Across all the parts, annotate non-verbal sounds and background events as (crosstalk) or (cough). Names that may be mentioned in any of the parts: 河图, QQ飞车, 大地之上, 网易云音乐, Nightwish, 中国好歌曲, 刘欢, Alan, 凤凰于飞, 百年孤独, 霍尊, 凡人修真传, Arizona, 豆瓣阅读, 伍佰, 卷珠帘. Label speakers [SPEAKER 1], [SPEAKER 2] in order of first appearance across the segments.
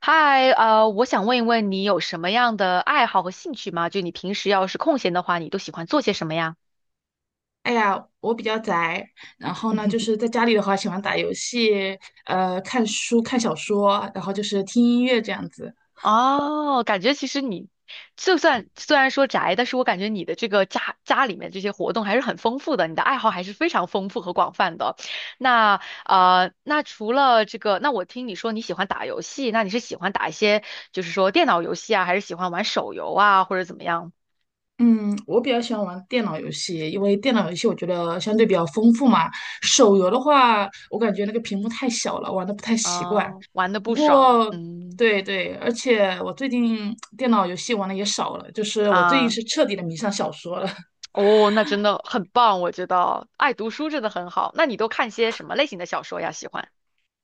[SPEAKER 1] 嗨，我想问一问你有什么样的爱好和兴趣吗？就你平时要是空闲的话，你都喜欢做些什么呀？
[SPEAKER 2] 哎呀，我比较宅，然后呢，就是在家里的话，喜欢打游戏，看书、看小说，然后就是听音乐这样子。
[SPEAKER 1] 哦，感觉其实你就算虽然说宅，但是我感觉你的这个家里面这些活动还是很丰富的，你的爱好还是非常丰富和广泛的。那那除了这个，那我听你说你喜欢打游戏，那你是喜欢打一些就是说电脑游戏啊，还是喜欢玩手游啊，或者怎么样？
[SPEAKER 2] 嗯，我比较喜欢玩电脑游戏，因为电脑游戏我觉得相对比较丰富嘛。手游的话，我感觉那个屏幕太小了，玩的不太习惯。
[SPEAKER 1] 啊、玩的
[SPEAKER 2] 不
[SPEAKER 1] 不爽，
[SPEAKER 2] 过，
[SPEAKER 1] 嗯
[SPEAKER 2] 对对，而且我最近电脑游戏玩的也少了，就是我最近
[SPEAKER 1] 啊。
[SPEAKER 2] 是彻底的迷上小说了。
[SPEAKER 1] 哦，那真的很棒，我觉得爱读书真的很好。那你都看些什么类型的小说呀？喜欢？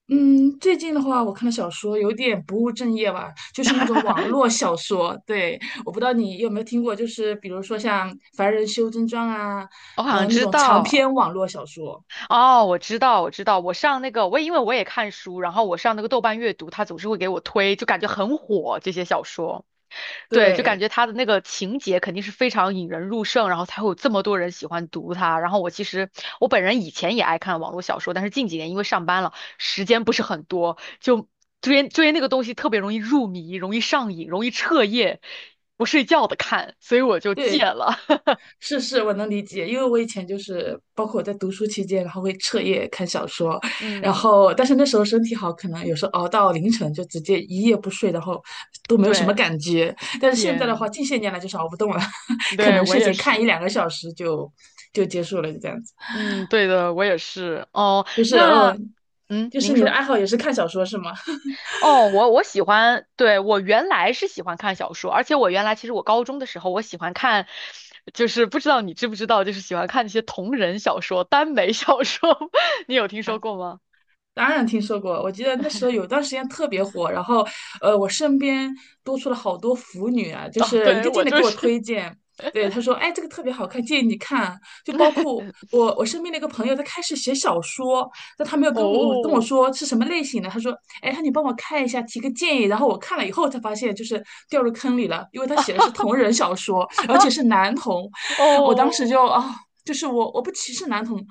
[SPEAKER 2] 嗯，最近的话，我看的小说有点不务正业吧，就是那种网络小说。对，我不知道你有没有听过，就是比如说像《凡人修真传》啊，
[SPEAKER 1] 我好像
[SPEAKER 2] 嗯，那
[SPEAKER 1] 知
[SPEAKER 2] 种长
[SPEAKER 1] 道，
[SPEAKER 2] 篇网络小说。
[SPEAKER 1] 哦，我知道，我知道，我上那个，我也因为我也看书，然后我上那个豆瓣阅读，它总是会给我推，就感觉很火这些小说。对，就感
[SPEAKER 2] 对，
[SPEAKER 1] 觉他的那个情节肯定是非常引人入胜，然后才会有这么多人喜欢读它。然后我其实我本人以前也爱看网络小说，但是近几年因为上班了，时间不是很多，就追那个东西特别容易入迷，容易上瘾，容易彻夜不睡觉的看，所以我就戒
[SPEAKER 2] 对，
[SPEAKER 1] 了。(laughs)
[SPEAKER 2] 是是，我能理解，因为我以前就是，包括我在读书期间，然后会彻夜看小说，然
[SPEAKER 1] 嗯，
[SPEAKER 2] 后但是那时候身体好，可能有时候熬到凌晨就直接一夜不睡，然后都没有什么
[SPEAKER 1] 对，
[SPEAKER 2] 感觉。但是现在的话，
[SPEAKER 1] 点，
[SPEAKER 2] 近些年来就是熬不动了，(laughs) 可
[SPEAKER 1] 对
[SPEAKER 2] 能
[SPEAKER 1] 我
[SPEAKER 2] 睡
[SPEAKER 1] 也
[SPEAKER 2] 前看一
[SPEAKER 1] 是。
[SPEAKER 2] 两个小时就结束了，就这样子。
[SPEAKER 1] 嗯，对的，我也是。哦，
[SPEAKER 2] 就是
[SPEAKER 1] 那，
[SPEAKER 2] 呃，
[SPEAKER 1] 嗯，
[SPEAKER 2] 就
[SPEAKER 1] 您
[SPEAKER 2] 是你的
[SPEAKER 1] 说。
[SPEAKER 2] 爱好也是看小说是吗？
[SPEAKER 1] 哦，我喜欢，对，我原来是喜欢看小说，而且我原来其实我高中的时候我喜欢看，就是不知道你知不知道，就是喜欢看那些同人小说、耽美小说，(laughs) 你有听说过吗？
[SPEAKER 2] 当然听说过，我记得那时候有段时间特别火，然后，我身边多出了好多腐女啊，就
[SPEAKER 1] 哦，
[SPEAKER 2] 是一
[SPEAKER 1] 对，
[SPEAKER 2] 个
[SPEAKER 1] 我
[SPEAKER 2] 劲的给
[SPEAKER 1] 就
[SPEAKER 2] 我
[SPEAKER 1] 是，
[SPEAKER 2] 推荐。对，他说，哎，这个特别好看，建议你看。就包括
[SPEAKER 1] (laughs)
[SPEAKER 2] 我，我身边的一个朋友，他开始写小说，但他没有跟我跟我
[SPEAKER 1] 哦，
[SPEAKER 2] 说是什么类型的。他说，哎，他你帮我看一下，提个建议。然后我看了以后才发现，就是掉入坑里了，因为他写的是同人小说，而且
[SPEAKER 1] (laughs)
[SPEAKER 2] 是男同。(laughs) 我当时
[SPEAKER 1] 哦。
[SPEAKER 2] 就啊，就是我不歧视男同，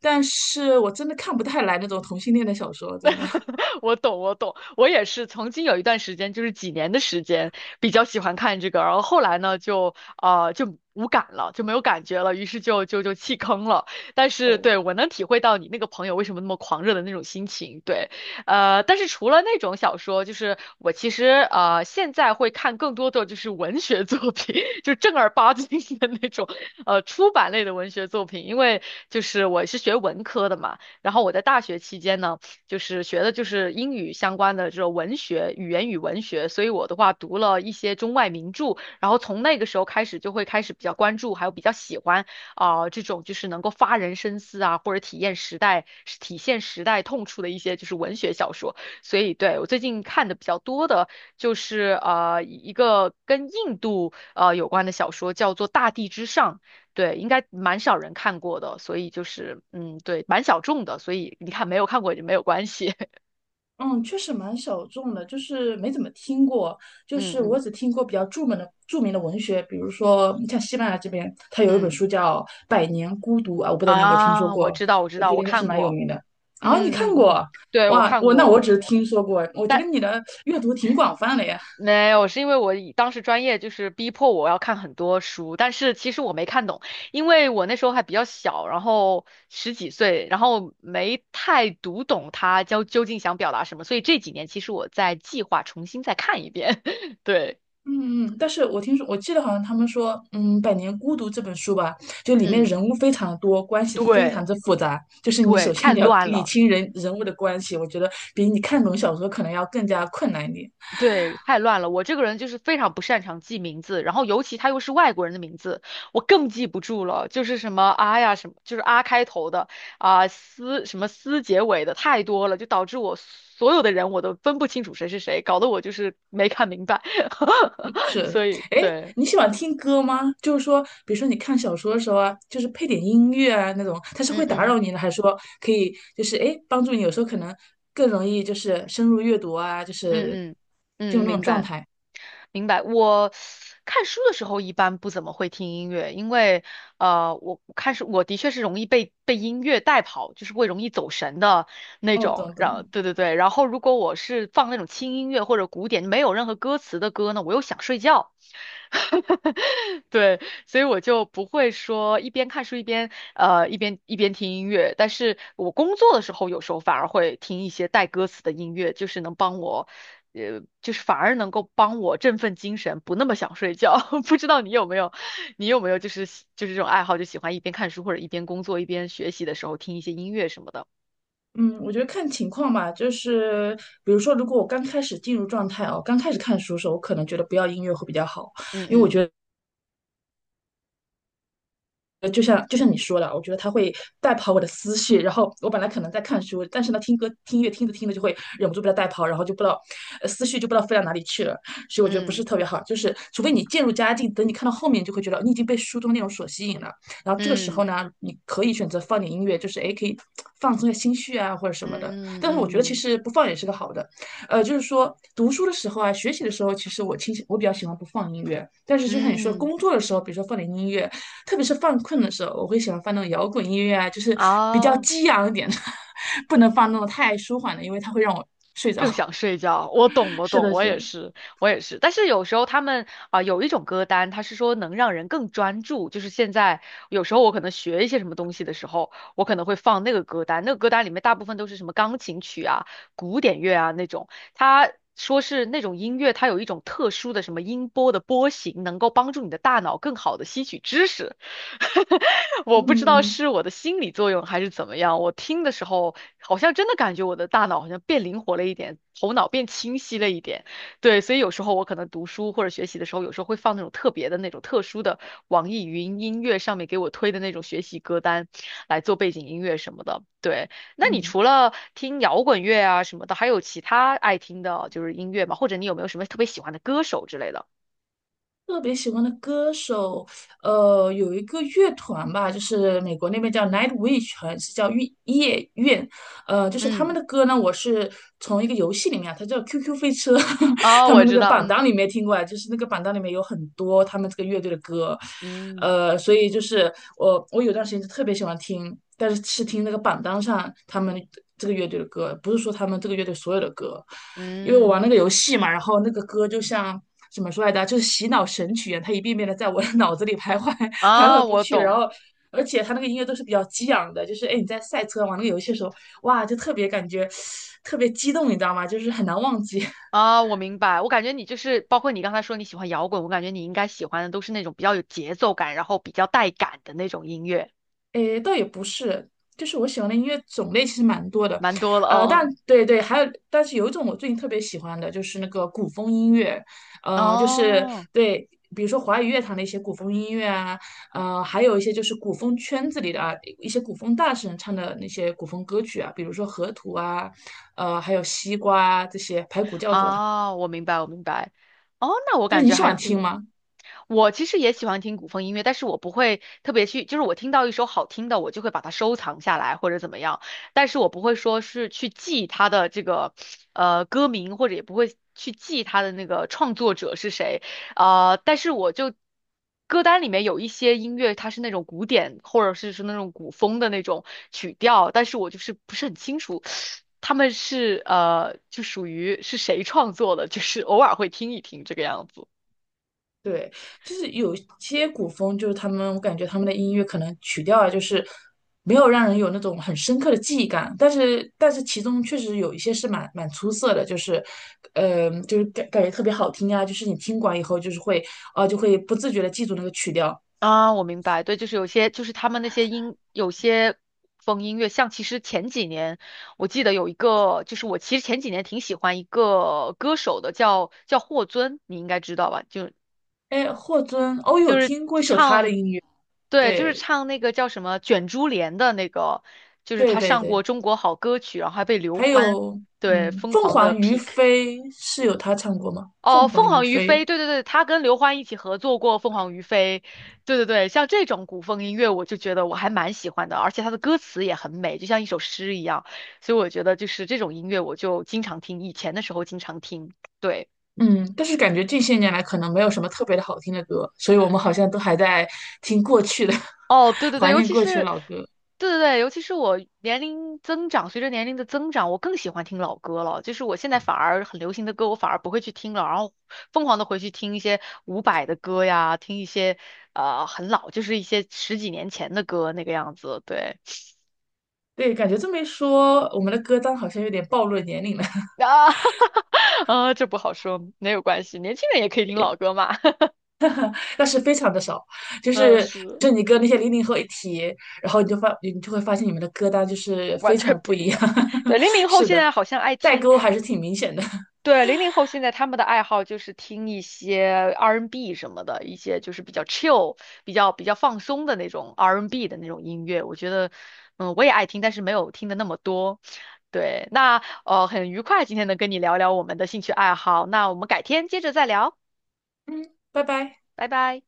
[SPEAKER 2] 但是我真的看不太来那种同性恋的小说，真的。
[SPEAKER 1] (laughs) 我懂，我懂，我也是曾经有一段时间，就是几年的时间，比较喜欢看这个，然后后来呢，就啊，就无感了，就没有感觉了，于是就弃坑了。但是
[SPEAKER 2] 哦，
[SPEAKER 1] 对我能体会到你那个朋友为什么那么狂热的那种心情，对，但是除了那种小说，就是我其实现在会看更多的就是文学作品，(laughs) 就正儿八经的那种出版类的文学作品，因为就是我是学文科的嘛，然后我在大学期间呢。就是学的就是英语相关的这种文学、语言与文学，所以我的话读了一些中外名著，然后从那个时候开始就会开始比较关注，还有比较喜欢啊、这种就是能够发人深思啊，或者体现时代痛处的一些就是文学小说。所以对我最近看的比较多的就是一个跟印度有关的小说，叫做《大地之上》。对，应该蛮少人看过的，所以就是嗯，对，蛮小众的，所以你看没有看过也没有关系。(laughs)
[SPEAKER 2] 嗯，确实蛮小众的，就是没怎么听过。就
[SPEAKER 1] 嗯
[SPEAKER 2] 是我
[SPEAKER 1] 嗯
[SPEAKER 2] 只听过比较著名的文学，比如说像西班牙这边，它有一本
[SPEAKER 1] 嗯
[SPEAKER 2] 书叫《百年孤独》啊，我不知道你有没有听说
[SPEAKER 1] 啊，我
[SPEAKER 2] 过，
[SPEAKER 1] 知道我知
[SPEAKER 2] 我
[SPEAKER 1] 道，
[SPEAKER 2] 觉
[SPEAKER 1] 我
[SPEAKER 2] 得应该是
[SPEAKER 1] 看
[SPEAKER 2] 蛮有
[SPEAKER 1] 过。
[SPEAKER 2] 名的。啊，你
[SPEAKER 1] 嗯嗯
[SPEAKER 2] 看
[SPEAKER 1] 嗯，
[SPEAKER 2] 过？
[SPEAKER 1] 对，我
[SPEAKER 2] 哇，
[SPEAKER 1] 看
[SPEAKER 2] 我那我
[SPEAKER 1] 过，
[SPEAKER 2] 只是听说过，我觉得
[SPEAKER 1] 但
[SPEAKER 2] 你的阅读挺广泛的呀。
[SPEAKER 1] 没有，是因为我以当时专业就是逼迫我要看很多书，但是其实我没看懂，因为我那时候还比较小，然后十几岁，然后没太读懂他究竟想表达什么，所以这几年其实我在计划重新再看一遍。(laughs) 对，
[SPEAKER 2] 嗯嗯，但是我听说，我记得好像他们说，嗯，《百年孤独》这本书吧，就里面
[SPEAKER 1] 嗯，
[SPEAKER 2] 人物非常的多，关系非常
[SPEAKER 1] 对。
[SPEAKER 2] 之复杂。就是你
[SPEAKER 1] 对，
[SPEAKER 2] 首先
[SPEAKER 1] 太
[SPEAKER 2] 你要
[SPEAKER 1] 乱
[SPEAKER 2] 理
[SPEAKER 1] 了，
[SPEAKER 2] 清人物的关系，我觉得比你看懂小说可能要更加困难一点。
[SPEAKER 1] 对，太乱了。我这个人就是非常不擅长记名字，然后尤其他又是外国人的名字，我更记不住了。就是什么啊呀，什么就是啊开头的啊思什么思结尾的太多了，就导致我所有的人我都分不清楚谁是谁，搞得我就是没看明白。(laughs)
[SPEAKER 2] 是，
[SPEAKER 1] 所以
[SPEAKER 2] 哎，
[SPEAKER 1] 对，
[SPEAKER 2] 你喜欢听歌吗？就是说，比如说你看小说的时候啊，就是配点音乐啊那种，它是
[SPEAKER 1] 嗯
[SPEAKER 2] 会打
[SPEAKER 1] 嗯
[SPEAKER 2] 扰你呢，还是说可以就是哎帮助你？有时候可能更容易就是深入阅读啊，就
[SPEAKER 1] 嗯
[SPEAKER 2] 是
[SPEAKER 1] 嗯
[SPEAKER 2] 进
[SPEAKER 1] 嗯，
[SPEAKER 2] 入那种
[SPEAKER 1] 明
[SPEAKER 2] 状
[SPEAKER 1] 白。
[SPEAKER 2] 态。
[SPEAKER 1] 明白。我看书的时候一般不怎么会听音乐，因为我看书我的确是容易被音乐带跑，就是会容易走神的那
[SPEAKER 2] 哦，
[SPEAKER 1] 种。
[SPEAKER 2] 懂
[SPEAKER 1] 然后
[SPEAKER 2] 懂。
[SPEAKER 1] 对对对，然后如果我是放那种轻音乐或者古典没有任何歌词的歌呢，我又想睡觉。(laughs) 对，所以我就不会说一边看书一边听音乐，但是我工作的时候有时候反而会听一些带歌词的音乐，就是能帮我，就是反而能够帮我振奋精神，不那么想睡觉。(laughs) 不知道你有没有，你有没有就是这种爱好，就喜欢一边看书或者一边工作一边学习的时候听一些音乐什么的。
[SPEAKER 2] 嗯，我觉得看情况吧，就是比如说，如果我刚开始进入状态哦，刚开始看书的时候，我可能觉得不要音乐会比较好，
[SPEAKER 1] 嗯
[SPEAKER 2] 因为我
[SPEAKER 1] 嗯
[SPEAKER 2] 觉得。就像你说的啊，我觉得它会带跑我的思绪。然后我本来可能在看书，但是呢，听歌听音乐听着听着就会忍不住被它带跑，然后就不知道，呃思绪就不知道飞到哪里去了。所以我觉得不是
[SPEAKER 1] 嗯
[SPEAKER 2] 特别好，就是除非你渐入佳境，等你看到后面，就会觉得哦你已经被书中内容所吸引了。然后这个时候
[SPEAKER 1] 嗯
[SPEAKER 2] 呢，你可以选择放点音乐，就是诶，可以放松一下心绪啊，或者什么的。
[SPEAKER 1] 嗯
[SPEAKER 2] 但是我觉得其
[SPEAKER 1] 嗯
[SPEAKER 2] 实不放也是个好的，就是说读书的时候啊，学习的时候，其实我倾向我比较喜欢不放音乐，但是就像你说，
[SPEAKER 1] 嗯，
[SPEAKER 2] 工作的时候，比如说放点音乐。特别是犯困的时候，我会喜欢放那种摇滚音乐啊，就是比较
[SPEAKER 1] 哦。
[SPEAKER 2] 激昂一点的，(laughs) 不能放那种太舒缓的，因为它会让我睡着。
[SPEAKER 1] 更想睡觉。我懂，
[SPEAKER 2] (laughs)
[SPEAKER 1] 我
[SPEAKER 2] 是
[SPEAKER 1] 懂，
[SPEAKER 2] 的，
[SPEAKER 1] 我
[SPEAKER 2] 是
[SPEAKER 1] 也
[SPEAKER 2] 的，
[SPEAKER 1] 是，我也是。但是有时候他们啊、有一种歌单，它是说能让人更专注。就是现在有时候我可能学一些什么东西的时候，我可能会放那个歌单。那个歌单里面大部分都是什么钢琴曲啊、古典乐啊那种。它说是那种音乐，它有一种特殊的什么音波的波形，能够帮助你的大脑更好的吸取知识。(laughs) 我不知道
[SPEAKER 2] 嗯
[SPEAKER 1] 是我的心理作用还是怎么样，我听的时候。好像真的感觉我的大脑好像变灵活了一点，头脑变清晰了一点。对，所以有时候我可能读书或者学习的时候，有时候会放那种特别的那种特殊的网易云音乐上面给我推的那种学习歌单来做背景音乐什么的。对，那你
[SPEAKER 2] 嗯，
[SPEAKER 1] 除了听摇滚乐啊什么的，还有其他爱听的就是音乐吗？或者你有没有什么特别喜欢的歌手之类的？
[SPEAKER 2] 特别喜欢的歌手，呃，有一个乐团吧，就是美国那边叫 Nightwish，好像是叫夜夜愿就是他们
[SPEAKER 1] 嗯，
[SPEAKER 2] 的歌呢，我是从一个游戏里面啊它叫 QQ 飞车，(laughs)
[SPEAKER 1] 啊，
[SPEAKER 2] 他
[SPEAKER 1] 我
[SPEAKER 2] 们那
[SPEAKER 1] 知
[SPEAKER 2] 个
[SPEAKER 1] 道，
[SPEAKER 2] 榜
[SPEAKER 1] 嗯
[SPEAKER 2] 单里面听过来，就是那个榜单里面有很多他们这个乐队的歌，
[SPEAKER 1] 嗯
[SPEAKER 2] 所以就是我有段时间就特别喜欢听，但是是听那个榜单上他们这个乐队的歌，不是说他们这个乐队所有的歌，因为我
[SPEAKER 1] 嗯，
[SPEAKER 2] 玩那个游戏嘛，然后那个歌就像。怎么说来着？就是洗脑神曲一样，它一遍遍的在我的 (laughs) 脑子里徘徊，徘
[SPEAKER 1] 啊，
[SPEAKER 2] 徊不
[SPEAKER 1] 我
[SPEAKER 2] 去。然
[SPEAKER 1] 懂。
[SPEAKER 2] 后而且他那个音乐都是比较激昂的，就是哎你在赛车玩那个游戏的时候，哇，就特别感觉特别激动，你知道吗？就是很难忘记。(laughs)
[SPEAKER 1] 啊，我明白。我感觉你就是，包括你刚才说你喜欢摇滚，我感觉你应该喜欢的都是那种比较有节奏感，然后比较带感的那种音乐，
[SPEAKER 2] 哎，倒也不是，就是我喜欢的音乐种类其实蛮多的，
[SPEAKER 1] 蛮多了。
[SPEAKER 2] 呃，但
[SPEAKER 1] 哦
[SPEAKER 2] 对对，还有，但是有一种我最近特别喜欢的就是那个古风音乐，呃，就是
[SPEAKER 1] 哦
[SPEAKER 2] 对。比如说华语乐坛的一些古风音乐啊，还有一些就是古风圈子里的啊，一些古风大神唱的那些古风歌曲啊，比如说河图啊，还有西瓜啊这些排骨教主啊
[SPEAKER 1] 啊，我明白，我明白。哦，那我
[SPEAKER 2] 就
[SPEAKER 1] 感
[SPEAKER 2] 是你
[SPEAKER 1] 觉
[SPEAKER 2] 喜
[SPEAKER 1] 还是，
[SPEAKER 2] 欢听吗？
[SPEAKER 1] 我其实也喜欢听古风音乐，但是我不会特别去，就是我听到一首好听的，我就会把它收藏下来或者怎么样，但是我不会说是去记它的这个歌名，或者也不会去记它的那个创作者是谁，但是我就歌单里面有一些音乐，它是那种古典或者是那种古风的那种曲调，但是我就是不是很清楚。他们是就属于是谁创作的，就是偶尔会听一听这个样子。
[SPEAKER 2] 对，就是有些古风，就是他们，我感觉他们的音乐可能曲调啊，就是没有让人有那种很深刻的记忆感，但是其中确实有一些是蛮蛮出色的，就是，就是感觉特别好听啊，就是你听完以后就是会，啊、就会不自觉的记住那个曲调。
[SPEAKER 1] 啊，我明白，对，就是有些，就是他们那些音，有些风音乐，像其实前几年，我记得有一个，就是我其实前几年挺喜欢一个歌手的，叫霍尊，你应该知道吧？就
[SPEAKER 2] 哎，霍尊，哦，有听过一首他的
[SPEAKER 1] 唱，
[SPEAKER 2] 音乐，
[SPEAKER 1] 对，就是
[SPEAKER 2] 对
[SPEAKER 1] 唱那个叫什么《卷珠帘》的那个，就是
[SPEAKER 2] 对
[SPEAKER 1] 他
[SPEAKER 2] 对
[SPEAKER 1] 上过
[SPEAKER 2] 对，
[SPEAKER 1] 《中国好歌曲》，然后还被刘
[SPEAKER 2] 还
[SPEAKER 1] 欢
[SPEAKER 2] 有，
[SPEAKER 1] 对
[SPEAKER 2] 嗯，
[SPEAKER 1] 疯
[SPEAKER 2] 凤
[SPEAKER 1] 狂的
[SPEAKER 2] 凰于
[SPEAKER 1] pick。
[SPEAKER 2] 飞是有他唱过吗？
[SPEAKER 1] 哦，
[SPEAKER 2] 凤
[SPEAKER 1] 凤
[SPEAKER 2] 凰于
[SPEAKER 1] 凰于
[SPEAKER 2] 飞。
[SPEAKER 1] 飞，对对对，他跟刘欢一起合作过《凤凰于飞》，对对对，像这种古风音乐，我就觉得我还蛮喜欢的，而且他的歌词也很美，就像一首诗一样，所以我觉得就是这种音乐，我就经常听，以前的时候经常听，对。
[SPEAKER 2] 嗯，但是感觉近些年来可能没有什么特别的好听的歌，所以我们好像都还在听过去的，
[SPEAKER 1] 哦，对对
[SPEAKER 2] (laughs)
[SPEAKER 1] 对，
[SPEAKER 2] 怀
[SPEAKER 1] 尤
[SPEAKER 2] 念
[SPEAKER 1] 其
[SPEAKER 2] 过去
[SPEAKER 1] 是，
[SPEAKER 2] 的老歌。
[SPEAKER 1] 对对对，尤其是我年龄增长，随着年龄的增长，我更喜欢听老歌了。就是我现在反而很流行的歌，我反而不会去听了，然后疯狂的回去听一些伍佰的歌呀，听一些很老，就是一些十几年前的歌那个样子。对
[SPEAKER 2] 对，感觉这么一说，我们的歌单好像有点暴露年龄了，(laughs)
[SPEAKER 1] 啊，(laughs) 啊，这不好说，没有关系，年轻人也可以听老歌嘛。(laughs)
[SPEAKER 2] 但是非常的少。就
[SPEAKER 1] 嗯，
[SPEAKER 2] 是
[SPEAKER 1] 是
[SPEAKER 2] 你跟那些零零后一提，然后你就会发现你们的歌单就是
[SPEAKER 1] 完
[SPEAKER 2] 非常
[SPEAKER 1] 全
[SPEAKER 2] 的不
[SPEAKER 1] 不一
[SPEAKER 2] 一样。
[SPEAKER 1] 样。对，零零
[SPEAKER 2] (laughs)
[SPEAKER 1] 后
[SPEAKER 2] 是
[SPEAKER 1] 现
[SPEAKER 2] 的，
[SPEAKER 1] 在好像爱
[SPEAKER 2] 代
[SPEAKER 1] 听。
[SPEAKER 2] 沟还是挺明显的。
[SPEAKER 1] 对，零零后现在他们的爱好就是听一些 R&B n 什么的，一些就是chill、比较比较放松的那种 R&B n 的那种音乐。我觉得，嗯，我也爱听，但是没有听的那么多。对，那,很愉快今天能跟你聊聊我们的兴趣爱好。那我们改天接着再聊，
[SPEAKER 2] (laughs) 嗯，拜拜。
[SPEAKER 1] 拜拜。